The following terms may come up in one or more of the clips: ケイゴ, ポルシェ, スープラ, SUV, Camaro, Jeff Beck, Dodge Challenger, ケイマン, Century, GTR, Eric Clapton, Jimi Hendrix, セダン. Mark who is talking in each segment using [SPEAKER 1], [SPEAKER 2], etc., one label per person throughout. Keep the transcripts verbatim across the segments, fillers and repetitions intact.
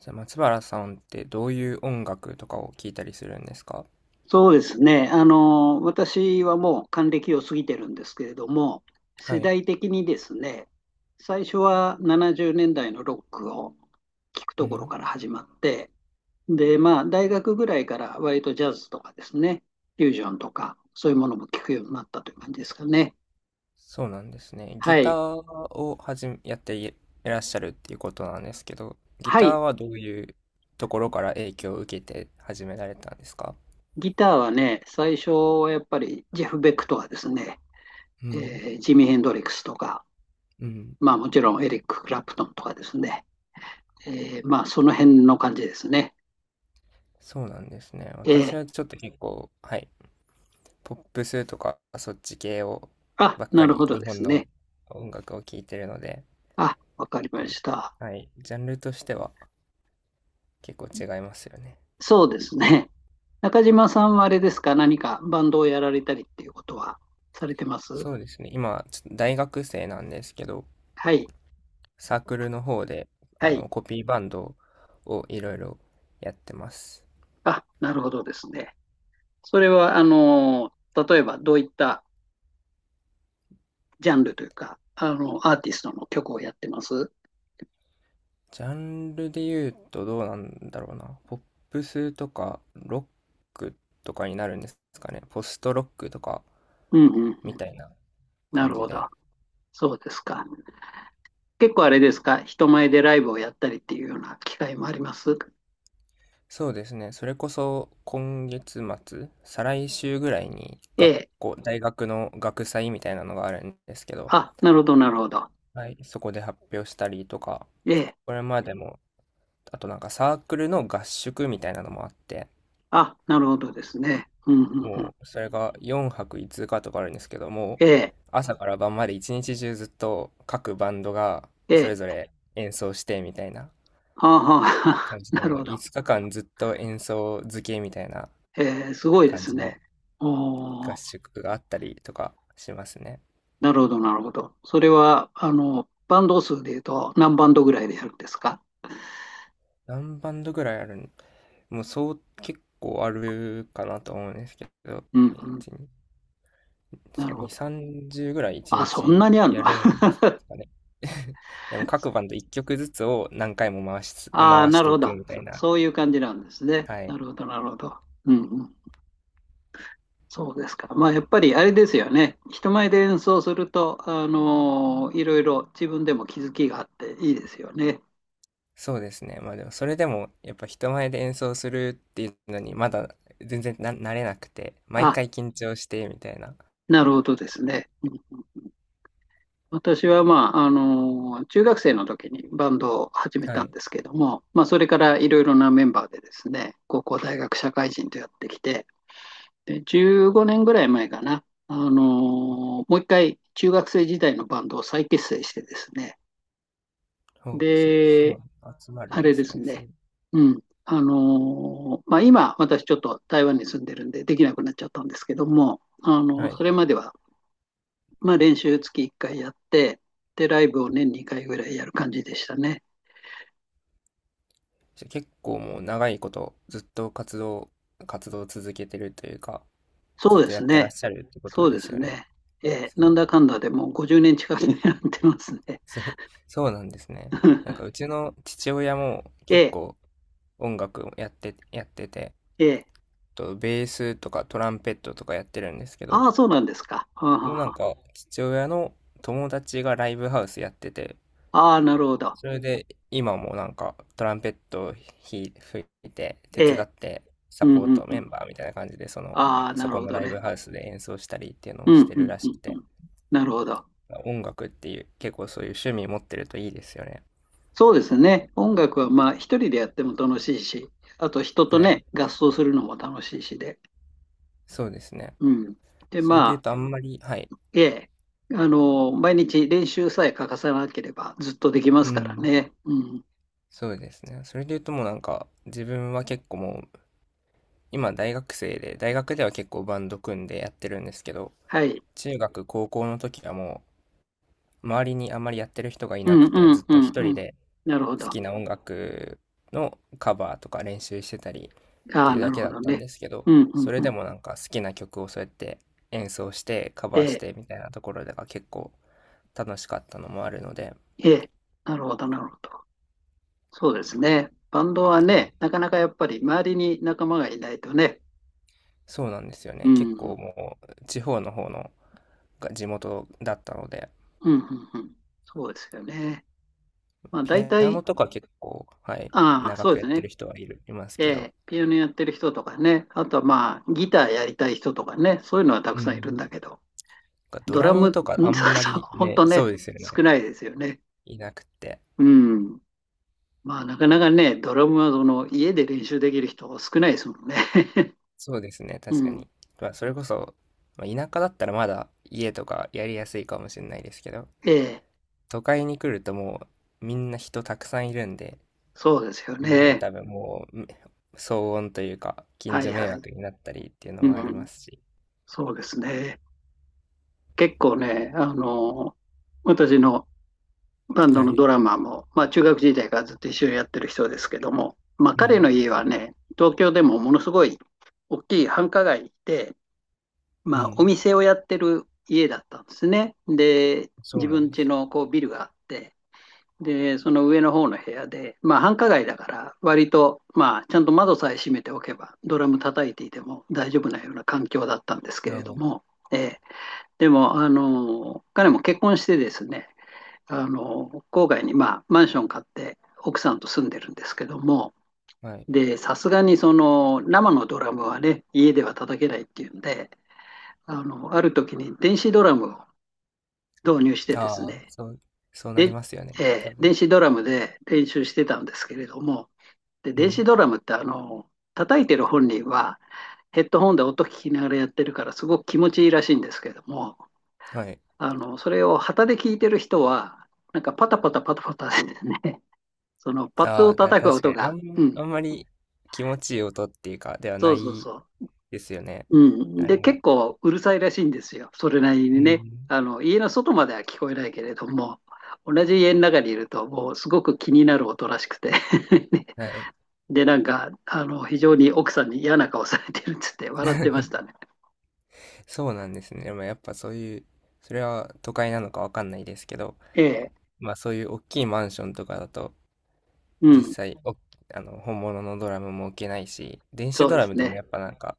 [SPEAKER 1] じゃあ松原さんってどういう音楽とかを聴いたりするんですか？
[SPEAKER 2] そうですね。あの、私はもう還暦を過ぎてるんですけれども、
[SPEAKER 1] は
[SPEAKER 2] 世
[SPEAKER 1] い。
[SPEAKER 2] 代的にですね、最初はななじゅうねんだいのロックを聞く
[SPEAKER 1] う
[SPEAKER 2] ところ
[SPEAKER 1] ん。
[SPEAKER 2] から始まって、で、まあ、大学ぐらいから割とジャズとかですね、フュージョンとか、そういうものも聞くようになったという感じですかね。
[SPEAKER 1] そうなんですね。ギ
[SPEAKER 2] は
[SPEAKER 1] タ
[SPEAKER 2] い。
[SPEAKER 1] ーをはじめ、やっていらっしゃるっていうことなんですけど、ギ
[SPEAKER 2] は
[SPEAKER 1] ター
[SPEAKER 2] い。
[SPEAKER 1] はどういうところから影響を受けて始められたんですか？
[SPEAKER 2] ギターはね、最初はやっぱりジェフ・ベックとかですね、
[SPEAKER 1] うん。
[SPEAKER 2] えージミー・ヘンドリックスとか、
[SPEAKER 1] うん。
[SPEAKER 2] まあもちろんエリック・クラプトンとかですね、えー、まあ、その辺の感じですね。
[SPEAKER 1] そうなんですね。
[SPEAKER 2] えー、
[SPEAKER 1] 私はちょっと結構、はい、ポップスとかそっち系を
[SPEAKER 2] あ、
[SPEAKER 1] ばっ
[SPEAKER 2] な
[SPEAKER 1] か
[SPEAKER 2] るほ
[SPEAKER 1] り
[SPEAKER 2] ど
[SPEAKER 1] 日
[SPEAKER 2] で
[SPEAKER 1] 本
[SPEAKER 2] す
[SPEAKER 1] の
[SPEAKER 2] ね。
[SPEAKER 1] 音楽を聴いてるので、
[SPEAKER 2] あ、わかりま
[SPEAKER 1] こ
[SPEAKER 2] した。
[SPEAKER 1] う、はい、ジャンルとしては結構違いますよね。
[SPEAKER 2] そうですね。中島さんはあれですか、何かバンドをやられたりっていうことはされてます？
[SPEAKER 1] そうですね。今、ちょ大学生なんですけど、
[SPEAKER 2] はい、
[SPEAKER 1] サークルの方で、
[SPEAKER 2] は
[SPEAKER 1] あ
[SPEAKER 2] い。
[SPEAKER 1] の、コピーバンドをいろいろやってます。
[SPEAKER 2] あ、なるほどですね。それは、あの、例えばどういったジャンルというか、あの、アーティストの曲をやってます？
[SPEAKER 1] ジャンルで言うとどうなんだろうな。ポップスとか、ロックとかになるんですかね。ポストロックとか、
[SPEAKER 2] うんうんう
[SPEAKER 1] み
[SPEAKER 2] ん。
[SPEAKER 1] たいな
[SPEAKER 2] な
[SPEAKER 1] 感
[SPEAKER 2] る
[SPEAKER 1] じ
[SPEAKER 2] ほど。
[SPEAKER 1] で。
[SPEAKER 2] そうですか。結構あれですか、人前でライブをやったりっていうような機会もあります？
[SPEAKER 1] そうですね。それこそ、今月末、再来週ぐらいに、
[SPEAKER 2] え
[SPEAKER 1] 学
[SPEAKER 2] え。
[SPEAKER 1] 校、大学の学祭みたいなのがあるんですけど、
[SPEAKER 2] あ、なるほど、なるほど。
[SPEAKER 1] はい、そこで発表したりとか、
[SPEAKER 2] ええ。
[SPEAKER 1] これまでもあとなんかサークルの合宿みたいなのもあって、
[SPEAKER 2] あ、なるほどですね。うん、うん、うん。
[SPEAKER 1] もうそれがよんはくいつかとかあるんですけども、
[SPEAKER 2] ええ、
[SPEAKER 1] 朝から晩まで一日中ずっと各バンドがそ
[SPEAKER 2] え
[SPEAKER 1] れぞ
[SPEAKER 2] え。
[SPEAKER 1] れ演奏してみたいな
[SPEAKER 2] はあ、は
[SPEAKER 1] 感
[SPEAKER 2] あ、
[SPEAKER 1] じ
[SPEAKER 2] な
[SPEAKER 1] で、も
[SPEAKER 2] るほ
[SPEAKER 1] う
[SPEAKER 2] ど。
[SPEAKER 1] いつかかんずっと演奏漬けみたいな
[SPEAKER 2] ええ、すごいで
[SPEAKER 1] 感
[SPEAKER 2] す
[SPEAKER 1] じ
[SPEAKER 2] ね。
[SPEAKER 1] の
[SPEAKER 2] お
[SPEAKER 1] 合
[SPEAKER 2] ー、
[SPEAKER 1] 宿があったりとかしますね。
[SPEAKER 2] なるほど、なるほど。それは、あの、バンド数で言うと何バンドぐらいでやるんですか？
[SPEAKER 1] 何バンドぐらいあるんもうそう結構あるかなと思うんですけど、
[SPEAKER 2] うん、うん。な
[SPEAKER 1] さ
[SPEAKER 2] るほ
[SPEAKER 1] に、
[SPEAKER 2] ど。
[SPEAKER 1] さんじゅうぐらい1
[SPEAKER 2] あ、そん
[SPEAKER 1] 日
[SPEAKER 2] なにある
[SPEAKER 1] や
[SPEAKER 2] の？ あ
[SPEAKER 1] るんですかね。でも各バンドいっきょくずつを何回も回しつ、
[SPEAKER 2] あ、
[SPEAKER 1] 回
[SPEAKER 2] な
[SPEAKER 1] し
[SPEAKER 2] る
[SPEAKER 1] てい
[SPEAKER 2] ほ
[SPEAKER 1] く
[SPEAKER 2] ど。
[SPEAKER 1] みたい
[SPEAKER 2] そ
[SPEAKER 1] な。
[SPEAKER 2] そういう感じなんですね。
[SPEAKER 1] は
[SPEAKER 2] な
[SPEAKER 1] い。
[SPEAKER 2] るほど、なるほど。うん、うん。そうですか。まあ、やっぱりあれですよね。人前で演奏すると、あのーいろいろ自分でも気づきがあっていいですよね。
[SPEAKER 1] そうですね。まあでもそれでもやっぱ人前で演奏するっていうのにまだ全然な慣れなくて、毎回緊張してみたいな。
[SPEAKER 2] なるほどですね。うん。私は、まあ、あの、中学生の時にバンドを始め
[SPEAKER 1] は
[SPEAKER 2] たん
[SPEAKER 1] い。
[SPEAKER 2] ですけども、まあ、それからいろいろなメンバーでですね、高校、大学、社会人とやってきて、で、じゅうごねんぐらい前かな、あの、もう一回中学生時代のバンドを再結成してですね、
[SPEAKER 1] そう、そ、そ
[SPEAKER 2] で、
[SPEAKER 1] う、集まる
[SPEAKER 2] あ
[SPEAKER 1] んで
[SPEAKER 2] れで
[SPEAKER 1] す
[SPEAKER 2] す
[SPEAKER 1] ね。すご
[SPEAKER 2] ね、
[SPEAKER 1] い。
[SPEAKER 2] うん、あの、まあ、今、私ちょっと台湾に住んでるんでできなくなっちゃったんですけども、あ
[SPEAKER 1] は
[SPEAKER 2] の、そ
[SPEAKER 1] い。
[SPEAKER 2] れまではまあ、練習月いっかいやって、で、ライブを年にかいぐらいやる感じでしたね。
[SPEAKER 1] じゃあ結構もう長いことずっと活動、活動を続けてるというか、
[SPEAKER 2] そ
[SPEAKER 1] ずっ
[SPEAKER 2] うで
[SPEAKER 1] とや
[SPEAKER 2] す
[SPEAKER 1] ってらっ
[SPEAKER 2] ね。
[SPEAKER 1] しゃるってこと
[SPEAKER 2] そう
[SPEAKER 1] で
[SPEAKER 2] で
[SPEAKER 1] す
[SPEAKER 2] す
[SPEAKER 1] よね。
[SPEAKER 2] ね。えー
[SPEAKER 1] そ
[SPEAKER 2] なん
[SPEAKER 1] う。
[SPEAKER 2] だかんだでもうごじゅうねん近くになってますね。
[SPEAKER 1] すごい、そうなんですね。なんかう ちの父親も
[SPEAKER 2] え
[SPEAKER 1] 結
[SPEAKER 2] え、
[SPEAKER 1] 構音楽をやって、やってて、
[SPEAKER 2] ええ、
[SPEAKER 1] とベースとかトランペットとかやってるんですけど、
[SPEAKER 2] ああ、そうなんですか。はあ、は
[SPEAKER 1] もうな
[SPEAKER 2] あ、
[SPEAKER 1] ん
[SPEAKER 2] は
[SPEAKER 1] か父親の友達がライブハウスやってて、
[SPEAKER 2] あ、ああ、なるほど。
[SPEAKER 1] それで今もなんかトランペットをひ吹いて手
[SPEAKER 2] え
[SPEAKER 1] 伝
[SPEAKER 2] え。
[SPEAKER 1] ってサ
[SPEAKER 2] うん
[SPEAKER 1] ポー
[SPEAKER 2] うん
[SPEAKER 1] ト
[SPEAKER 2] う
[SPEAKER 1] メ
[SPEAKER 2] ん。
[SPEAKER 1] ンバーみたいな感じでその、
[SPEAKER 2] ああ、な
[SPEAKER 1] そこ
[SPEAKER 2] るほ
[SPEAKER 1] の
[SPEAKER 2] ど
[SPEAKER 1] ライブ
[SPEAKER 2] ね。
[SPEAKER 1] ハウスで演奏したりっていうの
[SPEAKER 2] う
[SPEAKER 1] をし
[SPEAKER 2] ん
[SPEAKER 1] て
[SPEAKER 2] う
[SPEAKER 1] る
[SPEAKER 2] ん
[SPEAKER 1] ら
[SPEAKER 2] う
[SPEAKER 1] しく
[SPEAKER 2] んう
[SPEAKER 1] て、
[SPEAKER 2] ん。なるほど。
[SPEAKER 1] 音楽っていう結構そういう趣味持ってるといいですよね。
[SPEAKER 2] そうですね。音楽はまあ一人でやっても楽しいし、あと人と
[SPEAKER 1] はい、
[SPEAKER 2] ね、合奏するのも楽しいしで。
[SPEAKER 1] そうですね。
[SPEAKER 2] うん。で、
[SPEAKER 1] それ
[SPEAKER 2] ま
[SPEAKER 1] で言う
[SPEAKER 2] あ、
[SPEAKER 1] とあんまり、はい。
[SPEAKER 2] ええ、あの、毎日練習さえ欠かさなければずっとできま
[SPEAKER 1] う
[SPEAKER 2] すから
[SPEAKER 1] ん。
[SPEAKER 2] ね。うん。
[SPEAKER 1] そうですね。それで言うともうなんか自分は結構もう今大学生で大学では結構バンド組んでやってるんですけど、
[SPEAKER 2] はい。
[SPEAKER 1] 中学高校の時はもう周りにあんまりやってる人がい
[SPEAKER 2] う
[SPEAKER 1] な
[SPEAKER 2] ん
[SPEAKER 1] くて
[SPEAKER 2] う
[SPEAKER 1] ず
[SPEAKER 2] ん
[SPEAKER 1] っ
[SPEAKER 2] う
[SPEAKER 1] と
[SPEAKER 2] ん
[SPEAKER 1] 一
[SPEAKER 2] う
[SPEAKER 1] 人
[SPEAKER 2] ん。
[SPEAKER 1] で
[SPEAKER 2] なるほ
[SPEAKER 1] 好
[SPEAKER 2] ど。
[SPEAKER 1] きな音楽のカバーとか練習してたりっ
[SPEAKER 2] あ
[SPEAKER 1] て
[SPEAKER 2] あ、
[SPEAKER 1] いう
[SPEAKER 2] な
[SPEAKER 1] だ
[SPEAKER 2] る
[SPEAKER 1] け
[SPEAKER 2] ほ
[SPEAKER 1] だっ
[SPEAKER 2] ど
[SPEAKER 1] たん
[SPEAKER 2] ね。
[SPEAKER 1] ですけど、
[SPEAKER 2] うんう
[SPEAKER 1] そ
[SPEAKER 2] ん
[SPEAKER 1] れ
[SPEAKER 2] うん。
[SPEAKER 1] でもなんか好きな曲をそうやって演奏してカ
[SPEAKER 2] え
[SPEAKER 1] バーし
[SPEAKER 2] え、
[SPEAKER 1] てみたいなところが結構楽しかったのもあるので、
[SPEAKER 2] ええ、なるほど、なるほど。そうですね。バンドは
[SPEAKER 1] はい、
[SPEAKER 2] ね、なかなかやっぱり周りに仲間がいないとね。
[SPEAKER 1] そうなんですよ
[SPEAKER 2] う
[SPEAKER 1] ね。
[SPEAKER 2] ん。
[SPEAKER 1] 結
[SPEAKER 2] うん
[SPEAKER 1] 構もう地方の方のが地元だったので、
[SPEAKER 2] うんうん。そうですよね。まあ
[SPEAKER 1] ピ
[SPEAKER 2] 大
[SPEAKER 1] アノ
[SPEAKER 2] 体、
[SPEAKER 1] とか結構、はい、
[SPEAKER 2] ああ、
[SPEAKER 1] 長
[SPEAKER 2] そう
[SPEAKER 1] く
[SPEAKER 2] で
[SPEAKER 1] や
[SPEAKER 2] す
[SPEAKER 1] って
[SPEAKER 2] ね。
[SPEAKER 1] る人はいる、います
[SPEAKER 2] え
[SPEAKER 1] けど、
[SPEAKER 2] え、ピアノやってる人とかね。あとはまあギターやりたい人とかね。そういうのはた
[SPEAKER 1] う
[SPEAKER 2] くさんいるん
[SPEAKER 1] ん。
[SPEAKER 2] だけど。
[SPEAKER 1] なんかド
[SPEAKER 2] ド
[SPEAKER 1] ラ
[SPEAKER 2] ラ
[SPEAKER 1] ム
[SPEAKER 2] ム、
[SPEAKER 1] とか
[SPEAKER 2] う
[SPEAKER 1] あ
[SPEAKER 2] ん。 そ
[SPEAKER 1] ん
[SPEAKER 2] う
[SPEAKER 1] ま
[SPEAKER 2] そう、
[SPEAKER 1] り
[SPEAKER 2] 本
[SPEAKER 1] ね、
[SPEAKER 2] 当
[SPEAKER 1] そ
[SPEAKER 2] ね、
[SPEAKER 1] うですよ
[SPEAKER 2] 少
[SPEAKER 1] ね。
[SPEAKER 2] ないですよね。
[SPEAKER 1] いなくって。
[SPEAKER 2] うん。まあ、なかなかね、ドラムはその家で練習できる人少ないですもんね。
[SPEAKER 1] そうですね、
[SPEAKER 2] う
[SPEAKER 1] 確か
[SPEAKER 2] ん。
[SPEAKER 1] に。まあ、それこそ、まあ、田舎だったらまだ家とかやりやすいかもしれないですけど、
[SPEAKER 2] ええ、
[SPEAKER 1] 都会に来るともうみんな人たくさんいるんで、
[SPEAKER 2] そうですよ
[SPEAKER 1] あれですよね、
[SPEAKER 2] ね。
[SPEAKER 1] 多分もう、うん、騒音というか、近
[SPEAKER 2] はい
[SPEAKER 1] 所迷
[SPEAKER 2] はい。
[SPEAKER 1] 惑になったりっていうの
[SPEAKER 2] う
[SPEAKER 1] もありま
[SPEAKER 2] ん。
[SPEAKER 1] すし。
[SPEAKER 2] そうですね。結構ね、あの、私のバンド
[SPEAKER 1] は
[SPEAKER 2] の
[SPEAKER 1] い。
[SPEAKER 2] ドラマーも、まあ、中学時代からずっと一緒にやってる人ですけども、まあ、
[SPEAKER 1] う
[SPEAKER 2] 彼
[SPEAKER 1] ん、
[SPEAKER 2] の家はね、東京でもものすごい大きい繁華街で、
[SPEAKER 1] う
[SPEAKER 2] まあ、お
[SPEAKER 1] ん。
[SPEAKER 2] 店をやってる家だったんですね。で、
[SPEAKER 1] そう
[SPEAKER 2] 自
[SPEAKER 1] な
[SPEAKER 2] 分
[SPEAKER 1] んで
[SPEAKER 2] 家
[SPEAKER 1] すね。
[SPEAKER 2] のこうビルがあって、で、その上の方の部屋で、まあ、繁華街だから、割と、まあ、ちゃんと窓さえ閉めておけば、ドラム叩いていても大丈夫なような環境だったんですけれ
[SPEAKER 1] あ
[SPEAKER 2] ども、ええ、でも、あの、彼も結婚してですね、あの、郊外に、まあ、マンション買って、奥さんと住んでるんですけども、
[SPEAKER 1] あ、はい。
[SPEAKER 2] で、さすがにその生のドラムはね、家では叩けないっていうんで、あの、ある時に電子ドラムを導入してです
[SPEAKER 1] ああ、
[SPEAKER 2] ね、
[SPEAKER 1] そう、そうなり
[SPEAKER 2] で、
[SPEAKER 1] ますよね、多
[SPEAKER 2] えー電
[SPEAKER 1] 分。
[SPEAKER 2] 子ドラムで練習してたんですけれども、で、
[SPEAKER 1] う
[SPEAKER 2] 電子
[SPEAKER 1] ん。
[SPEAKER 2] ドラムってあの、叩いてる本人はヘッドホンで音聞きながらやってるからすごく気持ちいいらしいんですけども、
[SPEAKER 1] はい。
[SPEAKER 2] あの、それを旗で聞いてる人は、なんかパタパタパタパタでね、そのパ
[SPEAKER 1] あ
[SPEAKER 2] ッド
[SPEAKER 1] あ、
[SPEAKER 2] を
[SPEAKER 1] あ
[SPEAKER 2] 叩く
[SPEAKER 1] 確か
[SPEAKER 2] 音
[SPEAKER 1] に、あ
[SPEAKER 2] が、う
[SPEAKER 1] ん、あ
[SPEAKER 2] ん、
[SPEAKER 1] んまり気持ちいい音っていうか、では
[SPEAKER 2] そ
[SPEAKER 1] な
[SPEAKER 2] うそう
[SPEAKER 1] い
[SPEAKER 2] そう、
[SPEAKER 1] ですよね。
[SPEAKER 2] う
[SPEAKER 1] あ
[SPEAKER 2] ん。
[SPEAKER 1] れ
[SPEAKER 2] で、結
[SPEAKER 1] も。
[SPEAKER 2] 構うるさいらしいんですよ。それなり
[SPEAKER 1] う
[SPEAKER 2] にね。
[SPEAKER 1] ん。
[SPEAKER 2] あの、家の外までは聞こえないけれども、同じ家の中にいると、もうすごく気になる音らしくて。
[SPEAKER 1] はい。
[SPEAKER 2] で、なんか、あの、非常に奥さんに嫌な顔されてるっつって笑ってました ね。
[SPEAKER 1] そうなんですね。でもやっぱそういう、それは都会なのかわかんないですけど、
[SPEAKER 2] ええ、
[SPEAKER 1] まあそういう大きいマンションとかだと、
[SPEAKER 2] う
[SPEAKER 1] 実
[SPEAKER 2] ん、
[SPEAKER 1] 際、お、あの、本物のドラムも置けないし、電子
[SPEAKER 2] そう
[SPEAKER 1] ド
[SPEAKER 2] で
[SPEAKER 1] ラム
[SPEAKER 2] す
[SPEAKER 1] でも
[SPEAKER 2] ね。
[SPEAKER 1] やっぱなんか、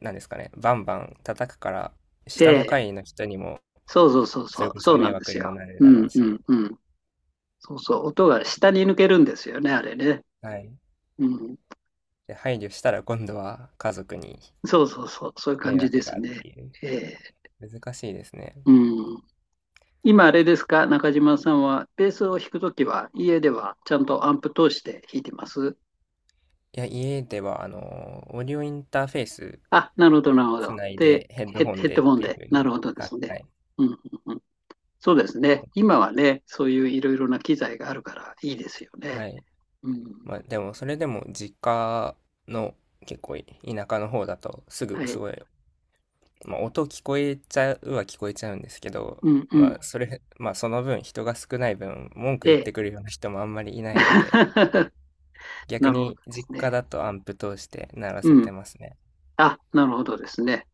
[SPEAKER 1] なんですかね、バンバン叩くから、
[SPEAKER 2] え
[SPEAKER 1] 下の
[SPEAKER 2] え、
[SPEAKER 1] 階の人にも、
[SPEAKER 2] そうそうそうそ
[SPEAKER 1] それ
[SPEAKER 2] う、
[SPEAKER 1] こ
[SPEAKER 2] そ
[SPEAKER 1] そ
[SPEAKER 2] うな
[SPEAKER 1] 迷
[SPEAKER 2] んで
[SPEAKER 1] 惑
[SPEAKER 2] す
[SPEAKER 1] にも
[SPEAKER 2] よ。
[SPEAKER 1] なる
[SPEAKER 2] う
[SPEAKER 1] だろう
[SPEAKER 2] んう
[SPEAKER 1] し、
[SPEAKER 2] んうん。そうそう、音が下に抜けるんですよね、あれね。
[SPEAKER 1] はい。
[SPEAKER 2] うん、
[SPEAKER 1] で、配慮したら今度は家族に
[SPEAKER 2] そうそうそう、そういう感
[SPEAKER 1] 迷
[SPEAKER 2] じで
[SPEAKER 1] 惑
[SPEAKER 2] す
[SPEAKER 1] がっ
[SPEAKER 2] ね。
[SPEAKER 1] ていう。
[SPEAKER 2] ええ、
[SPEAKER 1] 難しいですね。
[SPEAKER 2] うん。今あれですか、中島さんは、ベースを弾くときは、家ではちゃんとアンプ通して弾いてます？
[SPEAKER 1] いや、家では、あの、オーディオインターフェース
[SPEAKER 2] あ、なるほど、なるほ
[SPEAKER 1] つ
[SPEAKER 2] ど。
[SPEAKER 1] ない
[SPEAKER 2] で、
[SPEAKER 1] で、ヘッド
[SPEAKER 2] ヘ
[SPEAKER 1] ホン
[SPEAKER 2] ヘッ
[SPEAKER 1] で
[SPEAKER 2] ド
[SPEAKER 1] っ
[SPEAKER 2] ホン
[SPEAKER 1] ていう
[SPEAKER 2] で、
[SPEAKER 1] 風に。
[SPEAKER 2] なるほどで
[SPEAKER 1] は
[SPEAKER 2] すね。
[SPEAKER 1] い。
[SPEAKER 2] うんうんうん、そうですね。今はね、そういういろいろな機材があるからいいですよ
[SPEAKER 1] は
[SPEAKER 2] ね。
[SPEAKER 1] い。
[SPEAKER 2] うん、
[SPEAKER 1] まあ、でも、それでも実家の結構田舎の方だと、す
[SPEAKER 2] は
[SPEAKER 1] ぐす
[SPEAKER 2] い。
[SPEAKER 1] ごい、まあ、音聞こえちゃうは聞こえちゃうんですけど、
[SPEAKER 2] うんうん。
[SPEAKER 1] まあ、それ、まあ、その分人が少ない分文句言っ
[SPEAKER 2] で、
[SPEAKER 1] てくるような人もあんまりい ないので、逆
[SPEAKER 2] なるほどで
[SPEAKER 1] に実
[SPEAKER 2] す
[SPEAKER 1] 家
[SPEAKER 2] ね。
[SPEAKER 1] だとアンプ通して鳴らせ
[SPEAKER 2] うん。
[SPEAKER 1] てますね。
[SPEAKER 2] あ、なるほどですね。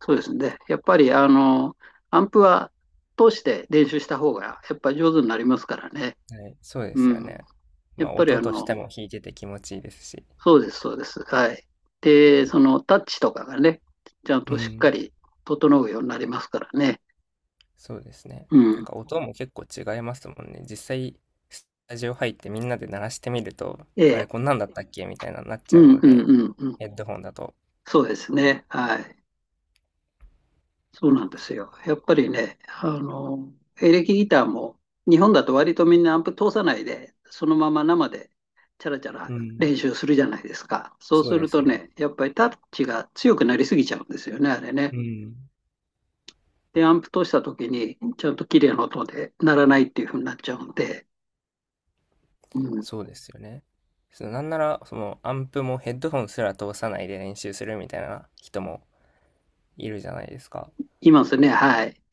[SPEAKER 2] そうですね。やっぱり、あの、アンプは通して練習した方が、やっぱ上手になりますからね。
[SPEAKER 1] はい、そうで
[SPEAKER 2] う
[SPEAKER 1] すよ
[SPEAKER 2] ん。
[SPEAKER 1] ね。
[SPEAKER 2] や
[SPEAKER 1] ま
[SPEAKER 2] っ
[SPEAKER 1] あ、
[SPEAKER 2] ぱり
[SPEAKER 1] 音
[SPEAKER 2] あ
[SPEAKER 1] として
[SPEAKER 2] の、
[SPEAKER 1] も弾いてて気持ちいいですし。
[SPEAKER 2] そうです、そうです。はい。で、そのタッチとかがね、ちゃん
[SPEAKER 1] う
[SPEAKER 2] としっ
[SPEAKER 1] ん、
[SPEAKER 2] かり整うようになりますからね。
[SPEAKER 1] そうですね。
[SPEAKER 2] う
[SPEAKER 1] なん
[SPEAKER 2] ん。
[SPEAKER 1] か音も結構違いますもんね。実際、スタジオ入ってみんなで鳴らしてみると、
[SPEAKER 2] え
[SPEAKER 1] あれ
[SPEAKER 2] え。
[SPEAKER 1] こんなんだったっけみたいなのになっ
[SPEAKER 2] う
[SPEAKER 1] ちゃう
[SPEAKER 2] ん
[SPEAKER 1] の
[SPEAKER 2] うん
[SPEAKER 1] で、
[SPEAKER 2] うんうん。
[SPEAKER 1] ヘッドホンだと。
[SPEAKER 2] そうですね。はい。そうなんですよ。やっぱりね、あの、エレキギターも日本だと割とみんなアンプ通さないで、そのまま生でチャラチャラ
[SPEAKER 1] うん、
[SPEAKER 2] 練習するじゃないですか。そう
[SPEAKER 1] そう
[SPEAKER 2] す
[SPEAKER 1] で
[SPEAKER 2] る
[SPEAKER 1] す
[SPEAKER 2] と
[SPEAKER 1] ね。
[SPEAKER 2] ね、やっぱりタッチが強くなりすぎちゃうんですよね、あれ
[SPEAKER 1] う
[SPEAKER 2] ね。
[SPEAKER 1] ん。
[SPEAKER 2] で、アンプ通した時に、ちゃんと綺麗な音で鳴らないっていう風になっちゃうんで、うん、
[SPEAKER 1] そうですよね。そのなんなら、そのアンプもヘッドホンすら通さないで練習するみたいな人もいるじゃないですか。
[SPEAKER 2] いますね、はい。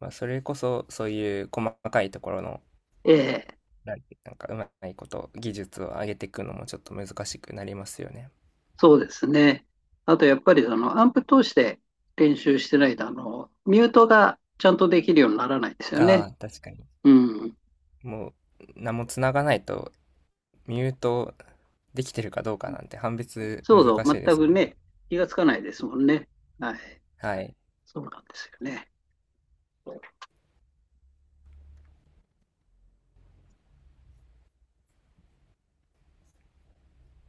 [SPEAKER 1] まあ、それこそそういう細かいところの、
[SPEAKER 2] ええ、
[SPEAKER 1] なんなんかうまいこと技術を上げていくのもちょっと難しくなりますよね。
[SPEAKER 2] そうですね。あと、やっぱりその、アンプ通して練習してないと、あの、ミュートがちゃんとできるようにならないですよね。
[SPEAKER 1] ああ、確かに。
[SPEAKER 2] うん。
[SPEAKER 1] もう何も繋がないとミュートできてるかどうかなんて判別
[SPEAKER 2] そう
[SPEAKER 1] 難
[SPEAKER 2] そ
[SPEAKER 1] し
[SPEAKER 2] う、
[SPEAKER 1] いで
[SPEAKER 2] 全
[SPEAKER 1] すも
[SPEAKER 2] く
[SPEAKER 1] んね。
[SPEAKER 2] ね、気がつかないですもんね。はい。
[SPEAKER 1] はい。
[SPEAKER 2] そうなんですよね。